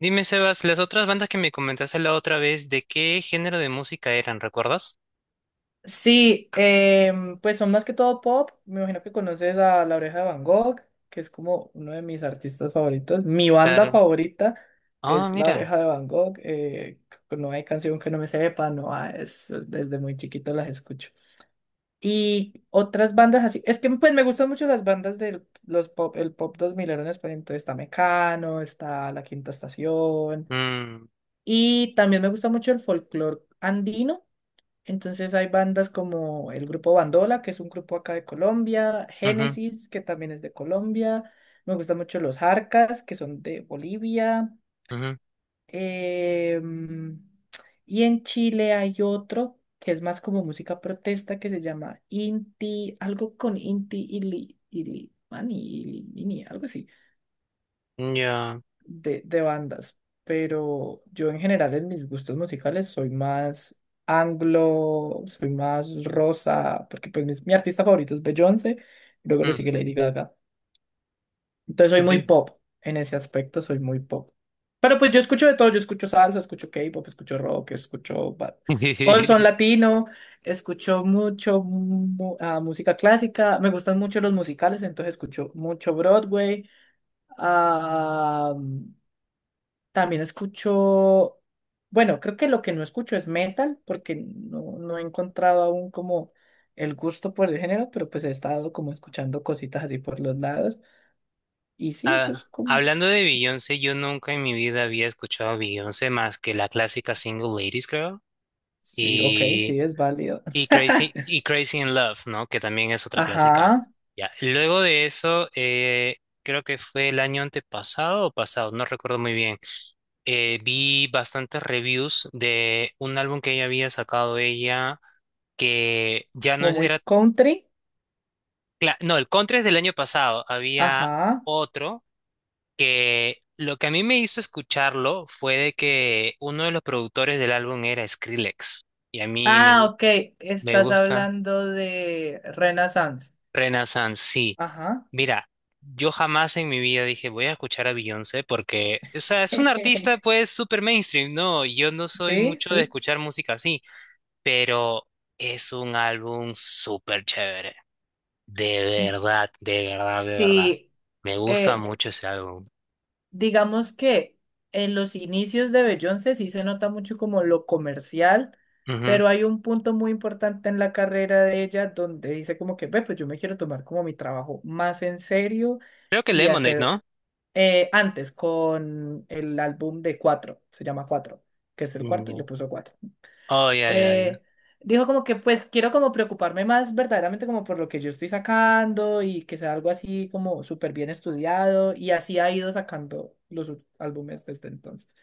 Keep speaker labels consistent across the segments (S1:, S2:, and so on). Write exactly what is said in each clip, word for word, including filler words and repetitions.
S1: Dime, Sebas, las otras bandas que me comentaste la otra vez, ¿de qué género de música eran? ¿Recuerdas?
S2: Sí, em, pues son más que todo pop. Me imagino que conoces a La Oreja de Van Gogh, que es como uno de mis artistas favoritos. Mi banda
S1: Claro.
S2: favorita
S1: Ah,
S2: es La
S1: mira.
S2: Oreja de Van Gogh. Eh, no hay canción que no me sepa, no hay- es- es- desde muy chiquito las escucho. Y otras bandas así, es que pues me gustan mucho las bandas del los pop, el pop dos mil en español. Entonces está Mecano, está La Quinta Estación.
S1: Mm,
S2: Y también me gusta mucho el folclore andino, entonces hay bandas como el grupo Bandola, que es un grupo acá de Colombia,
S1: ujú,
S2: Génesis, que también es de Colombia. Me gustan mucho los Jarcas, que son de Bolivia.
S1: ujú,
S2: Em, y en Chile hay otro que es más como música protesta que se llama Inti, algo con Inti Ili, Ili, Mani, Ili, Mini, algo así
S1: ya.
S2: de de bandas, pero yo en general en mis gustos musicales soy más anglo, soy más rosa, porque pues mis- mi, artista favorito es Beyoncé, luego le
S1: Mm.
S2: sigue Lady Gaga. Entonces soy muy
S1: Bi-
S2: pop, en ese aspecto soy muy pop. Pero pues yo escucho de todo, yo escucho salsa, escucho K-pop, escucho rock, escucho ba- todo el son latino, escucho mucho mu- ah, música clásica, me gustan mucho los musicales, entonces escucho mucho Broadway. Ah, También escucho, bueno, creo que lo que no escucho es metal, porque no, no he encontrado aún como el gusto por el género, pero pues he estado como escuchando cositas así por los lados. Y sí, eso
S1: Ah,
S2: es como,
S1: hablando de Beyoncé, yo nunca en mi vida había escuchado a Beyoncé más que la clásica Single Ladies, creo,
S2: sí, ok,
S1: y,
S2: sí, es válido.
S1: y Crazy, y Crazy in Love, ¿no? Que también es otra
S2: Ajá,
S1: clásica. Ya. Luego de eso, eh, creo que fue el año antepasado o pasado, no recuerdo muy bien, eh, vi bastantes reviews de un álbum que ella había sacado ella, que ya no
S2: como
S1: es-
S2: muy
S1: era...
S2: country.
S1: Cla- No, el Contra es del año pasado. Había
S2: Ajá,
S1: otro que lo que a mí me hizo escucharlo fue de que uno de los productores del álbum era Skrillex. Y a mí me,
S2: ah,
S1: gu-
S2: ok,
S1: me
S2: estás
S1: gusta
S2: hablando de Renaissance.
S1: Renaissance, sí.
S2: Ajá.
S1: Mira, yo jamás en mi vida dije voy a escuchar a Beyoncé porque, o sea, es un artista pues súper mainstream, ¿no? Yo no soy
S2: Sí,
S1: mucho de
S2: sí.
S1: escuchar música así. Pero es un álbum súper chévere. De verdad, de verdad, de verdad.
S2: Sí,
S1: Me gusta
S2: eh,
S1: mucho ese álbum.
S2: digamos que en los inicios de Beyoncé sí se nota mucho como lo comercial,
S1: Ujú.
S2: pero hay un punto muy importante en la carrera de ella donde dice como que, ve, pues yo me quiero tomar como mi trabajo más en serio
S1: Creo que
S2: y
S1: Lemonade,
S2: hacer,
S1: ¿no?
S2: eh, antes, con el álbum de Cuatro, se llama Cuatro, que es el
S1: Mm,
S2: cuarto y le
S1: ya.
S2: puso Cuatro.
S1: Oh, ya, ya, ya.
S2: eh, Dijo como que pues quiero como preocuparme más verdaderamente como por lo que yo estoy sacando y que sea algo así como súper bien estudiado, y así ha ido sacando los ú- álbumes desde entonces.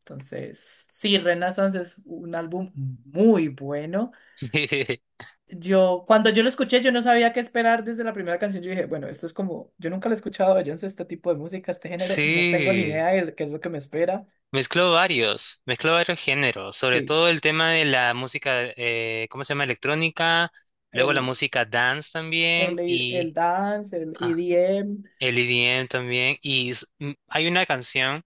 S2: Entonces, sí, Renaissance es un álbum muy bueno. Yo, cuando yo lo escuché, yo no sabía qué esperar desde la primera canción. Yo dije, bueno, esto es como, yo nunca lo he escuchado, yo no sé este tipo de música, este género, no tengo ni
S1: Sí,
S2: idea de qué es lo que me espera.
S1: mezcló varios, mezcló varios géneros, sobre
S2: Sí,
S1: todo el tema de la música, eh, ¿cómo se llama? Electrónica, luego la
S2: el,
S1: música dance también
S2: el, el
S1: y
S2: dance, el
S1: ah,
S2: E D M.
S1: el E D M también. Y s- m- hay una canción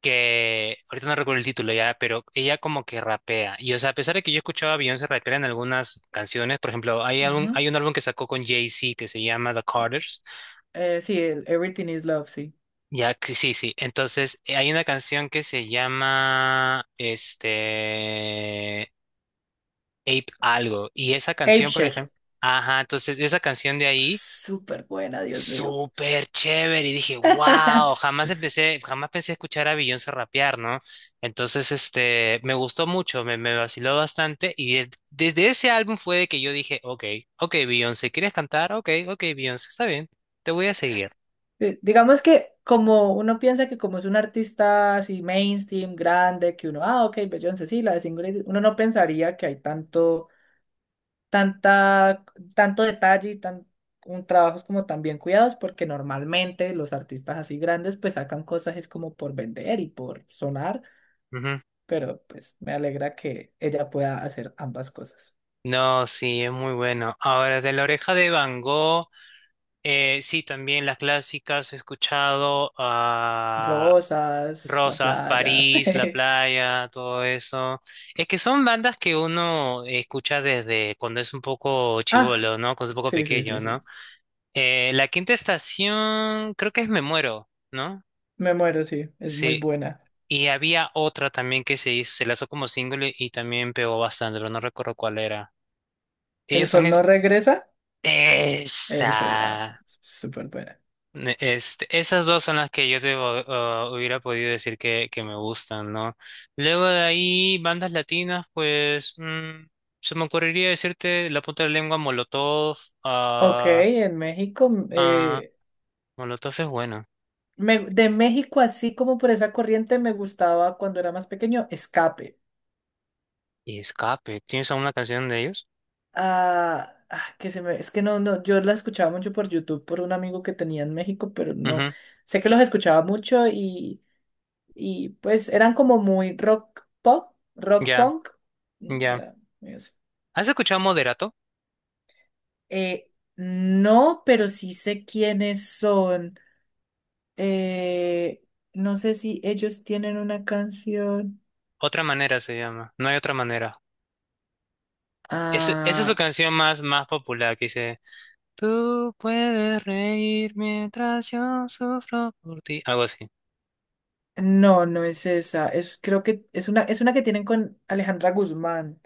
S1: que ahorita no recuerdo el título ya, pero ella como que rapea. Y o sea, a pesar de que yo escuchaba a Beyoncé rapear en algunas canciones, por ejemplo, hay algún,
S2: Ujú.
S1: hay un álbum que sacó con Jay-Z que se llama The
S2: Eh,
S1: Carters.
S2: eh, sí, el Everything is Love, sí.
S1: Ya, que sí, sí. Entonces, eh, hay una canción que se llama este Ape algo y esa
S2: Ape
S1: canción, por
S2: Shit.
S1: ejemplo, ajá, entonces esa canción de ahí
S2: Súper buena, Dios mío.
S1: súper chévere y dije, wow, jamás empecé, jamás pensé escuchar a Beyoncé rapear, ¿no? Entonces, este, me gustó mucho, me, me vaciló bastante y de- desde ese álbum fue de que yo dije, ok, ok, Beyoncé, ¿quieres cantar? Ok, ok, Beyoncé, está bien, te voy a seguir.
S2: Eh, digamos que como uno piensa que como es un artista así mainstream, grande, que uno, ah, ok, Beyoncé, sí, la de Single Ladies", uno no pensaría que hay tanto, tanta, tanto detalle y tan, un trabajos como tan bien cuidados, porque normalmente los artistas así grandes pues sacan cosas es como por vender y por sonar,
S1: Ujú.
S2: pero pues me alegra que ella pueda hacer ambas cosas.
S1: No, sí, es muy bueno. Ahora, de la oreja de Van Gogh, eh, sí, también las clásicas he escuchado,
S2: Rosas, la
S1: Rosas,
S2: playa.
S1: París, La Playa, todo eso. Es que son bandas que uno escucha desde cuando es un poco
S2: Ah,
S1: chivolo, ¿no? Cuando es un poco
S2: sí, sí, sí,
S1: pequeño, ¿no?
S2: sí.
S1: Eh, la quinta estación, creo que es Me Muero, ¿no?
S2: Me muero, sí. Es muy
S1: Sí.
S2: buena.
S1: Y había otra también que se hizo, se lanzó como single y también pegó bastante, pero no recuerdo cuál era.
S2: ¿El
S1: Ellos son...
S2: sol no
S1: es-
S2: regresa? El sol, ah, sí,
S1: Esa.
S2: súper buena.
S1: Ne- Este, esas dos son las que yo te hu- ah, hubiera podido decir que, que me gustan, ¿no? Luego de ahí, bandas latinas, pues mm, se me ocurriría decirte La Punta de la Lengua, Molotov.
S2: Ok,
S1: Ah,
S2: en México, mm,
S1: ah,
S2: eh,
S1: Molotov es bueno.
S2: me- de México, así como por esa corriente, me gustaba cuando era más pequeño, Escape.
S1: Y Escape, ¿tienes alguna canción de ellos?
S2: Ah, ah, que se me, es que No, no, yo la escuchaba mucho por YouTube por un amigo que tenía en México, pero no.
S1: Ujú,
S2: Sé que los escuchaba mucho, y Y pues eran como muy rock pop, rock
S1: ya,
S2: punk,
S1: ya.
S2: ¿verdad? Es-
S1: ¿Has escuchado Moderato?
S2: eh, no, pero sí sé quiénes son. Eh, no sé si ellos tienen una canción.
S1: Otra manera se llama, no hay otra manera. Es- esa es su
S2: Ah,
S1: canción más, más popular que dice, tú puedes reír mientras yo sufro por ti. Algo así.
S2: no, no es esa. Es, creo que es una, es una que tienen con Alejandra Guzmán.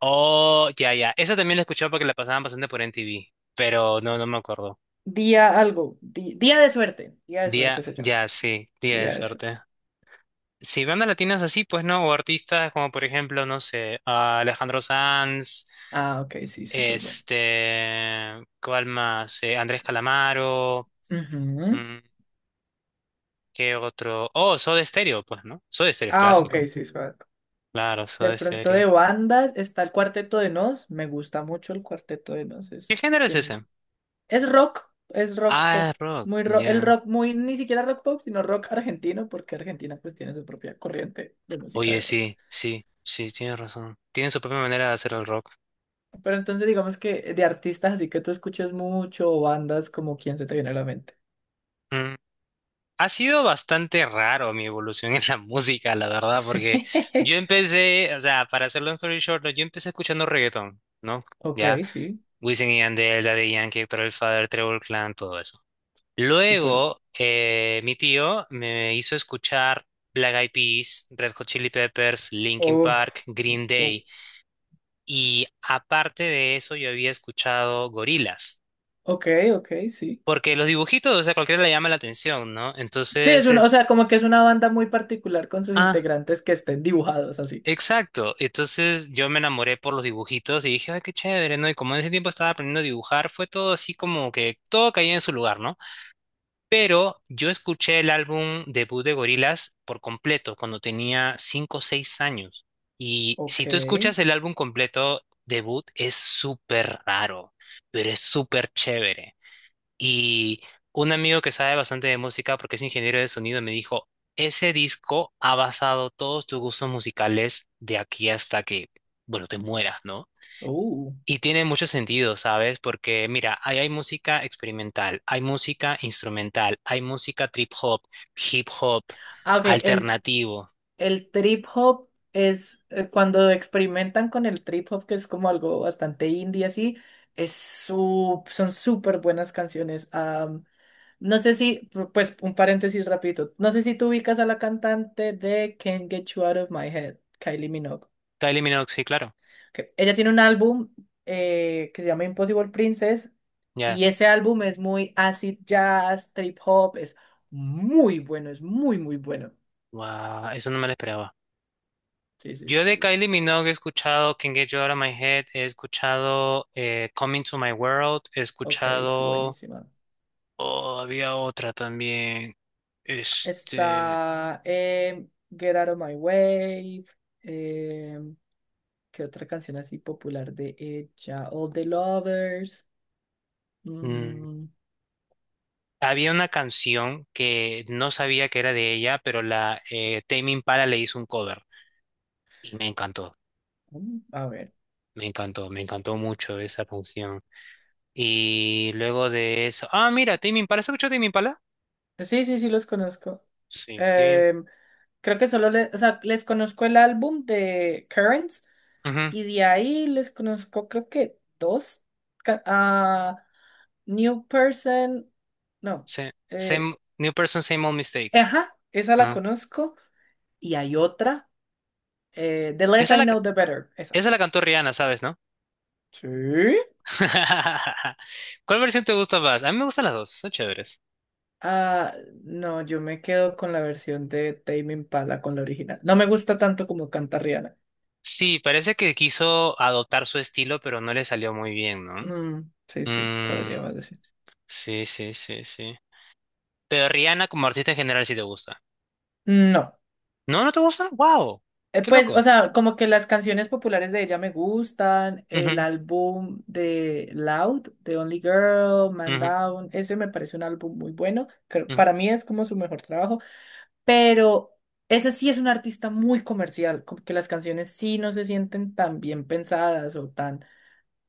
S1: Oh, ya, ya. Esa también la he escuchado porque la pasaban bastante por N T V, pero no, no me acuerdo.
S2: Día algo. Di- Día de suerte. Día de
S1: Día,
S2: suerte se llama.
S1: ya, sí, día de
S2: Día de
S1: suerte.
S2: suerte.
S1: Sí, bandas latinas así, pues no, o artistas como por ejemplo, no sé, a Alejandro Sanz,
S2: Ah, ok, sí, súper bueno.
S1: este, ¿cuál más? Eh, Andrés Calamaro,
S2: Ujú.
S1: mm, ¿qué otro? Oh, Soda Stereo, pues, ¿no? Soda Stereo es
S2: Ah, ok,
S1: clásico.
S2: sí, suave.
S1: Claro,
S2: De
S1: Soda
S2: pronto de
S1: Stereo.
S2: bandas está el Cuarteto de Nos. Me gusta mucho el Cuarteto de Nos.
S1: ¿Qué
S2: Es,
S1: género es
S2: tien-
S1: ese?
S2: es rock, es rock
S1: Ah,
S2: pop.
S1: es rock,
S2: Muy ro- el
S1: ya.
S2: rock, muy, ni siquiera rock pop, sino rock argentino, porque Argentina pues tiene su propia corriente de música
S1: Oye,
S2: de rock.
S1: sí, sí, sí, tienes razón. Tienen su propia manera de hacer el rock.
S2: Pero entonces digamos que de artistas así que tú escuches mucho o bandas como quién se te viene a la mente.
S1: Mm, ha sido bastante raro mi evolución en la música, la verdad, porque yo empecé, o sea, para hacer long story short, yo empecé escuchando reggaetón, ¿no?
S2: Ok,
S1: Ya,
S2: sí,
S1: Wisin y Yandel, Daddy Yankee, Héctor el Father, Trevor Clan, todo eso.
S2: súper.
S1: Luego, eh, mi tío me hizo escuchar Black Eyed Peas, Red Hot Chili Peppers, Linkin
S2: Uf,
S1: Park, Green
S2: u-
S1: Day, y aparte de eso, yo había escuchado Gorillaz,
S2: ok, ok, sí.
S1: porque los dibujitos, o sea, cualquiera le llama la atención, ¿no?
S2: Sí, es
S1: Entonces
S2: una, o sea,
S1: es...
S2: como que es una banda muy particular con sus
S1: Ah,
S2: integrantes que estén dibujados así.
S1: exacto, entonces yo me enamoré por los dibujitos y dije, ay, qué chévere, ¿no? Y como en ese tiempo estaba aprendiendo a dibujar, fue todo así como que todo caía en su lugar, ¿no? Pero yo escuché el álbum debut de Gorillaz por completo cuando tenía cinco o seis años. Y
S2: Ok.
S1: si tú escuchas el álbum completo debut, es súper raro, pero es súper chévere. Y un amigo que sabe bastante de música, porque es ingeniero de sonido, me dijo, ese disco ha basado todos tus gustos musicales de aquí hasta que, bueno, te mueras, ¿no?
S2: Uh.
S1: Y tiene mucho sentido, ¿sabes? Porque mira, ahí hay música experimental, hay música instrumental, hay música trip hop, hip hop,
S2: Ah, ok, el,
S1: alternativo.
S2: el trip hop es, eh, cuando experimentan con el trip hop, que es como algo bastante indie así, es su- son súper buenas canciones. Am, no sé si, pu- pues un paréntesis rapidito, no sé si tú ubicas a la cantante de Can't Get You Out of My Head, Kylie Minogue.
S1: Kylie Minogue, sí, claro.
S2: Que ella tiene un álbum, eh, que se llama Impossible Princess,
S1: Ya.
S2: y ese álbum es muy acid jazz, trip hop, es muy bueno, es muy, muy bueno.
S1: Guau, eso no me lo esperaba.
S2: Sí, sí,
S1: Yo de
S2: sí, sí.
S1: Kylie Minogue he escuchado Can Get You Out of My Head, he escuchado eh, Coming to My World, he
S2: Ok,
S1: escuchado.
S2: buenísima.
S1: Oh, había otra también. Este.
S2: Está em, Get Out of My Way. em, ¿Qué otra canción así popular de ella? All the Lovers.
S1: Mm,
S2: Mm,
S1: había una canción que no sabía que era de ella, pero la eh, Tame Impala le hizo un cover y me encantó,
S2: mm, a ver.
S1: me encantó, me encantó mucho esa canción. Y luego de eso. Ah, mira, Tame Impala, ¿has escuchado Tame Impala?
S2: Sí, sí, sí, los conozco.
S1: Sí, Tame.
S2: Em, Creo que solo le- o sea, les conozco el álbum de Currents
S1: Ujú,
S2: y de ahí les conozco, creo que dos. Ca- a New Person. No.
S1: sa-
S2: Eh,
S1: same, New Person, Same Old Mistakes.
S2: ajá, esa la
S1: Ah.
S2: conozco. Y hay otra, eh, The Less
S1: Esa
S2: I
S1: la,
S2: Know, The Better. Esa.
S1: esa la cantó Rihanna, ¿sabes, no?
S2: Sí.
S1: ¿Cuál versión te gusta más? A mí me gustan las dos, son chéveres.
S2: Ah, no, yo me quedo con la versión de Tame Impala, con la original. No me gusta tanto como canta Rihanna.
S1: Sí, parece que quiso adoptar su estilo, pero no le salió muy bien, ¿no?
S2: Mm, sí, sí,
S1: Mm,
S2: podríamos decir.
S1: sí, sí, sí, sí. Pero Rihanna como artista en general sí te gusta.
S2: No.
S1: ¿No, no te gusta? ¡Wow!
S2: Eh,
S1: ¡Qué
S2: pues, o
S1: loco!
S2: sea, como que las canciones populares de ella me gustan. El
S1: Ujú,
S2: álbum de Loud, The Only Girl, Man
S1: ujú,
S2: Down, ese me parece un álbum muy bueno. Creo-
S1: ujú,
S2: Para mí es como su mejor trabajo. Pero ese sí es un artista muy comercial, como que las canciones sí no se sienten tan bien pensadas o tan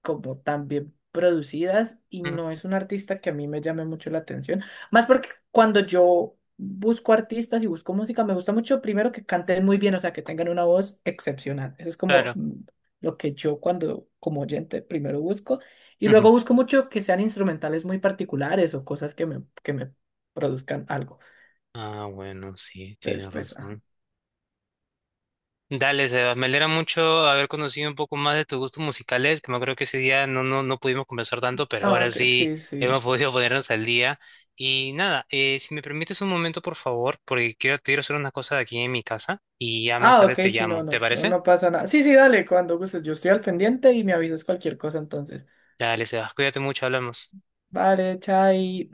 S2: como tan bien producidas, y
S1: ujú,
S2: no es un artista que a mí me llame mucho la atención, más porque cuando yo busco artistas y busco música me gusta mucho primero que canten muy bien, o sea, que tengan una voz excepcional. Eso es como,
S1: claro.
S2: mm, lo que yo cuando como oyente primero busco, y
S1: Ujú.
S2: luego busco mucho que sean instrumentales muy particulares o cosas que me que me produzcan algo.
S1: Ah, bueno, sí,
S2: Entonces,
S1: tienes
S2: pues, ajá.
S1: razón. Dale, Seba, me alegra mucho haber conocido un poco más de tus gustos musicales, que me acuerdo que ese día no, no, no pudimos conversar tanto, pero
S2: Ah,
S1: ahora
S2: ok,
S1: sí
S2: sí, sí.
S1: hemos podido ponernos al día. Y nada, eh, si me permites un momento, por favor, porque quiero, quiero hacer una cosa aquí en mi casa y ya más
S2: Ah,
S1: tarde
S2: ok,
S1: te
S2: sí, no,
S1: llamo, ¿te
S2: no, no,
S1: parece?
S2: no pasa nada. Sí, sí, dale, cuando gustes, yo estoy al pendiente y me avisas cualquier cosa entonces.
S1: Dale, Seba, cuídate mucho, hablamos.
S2: Vale, chai.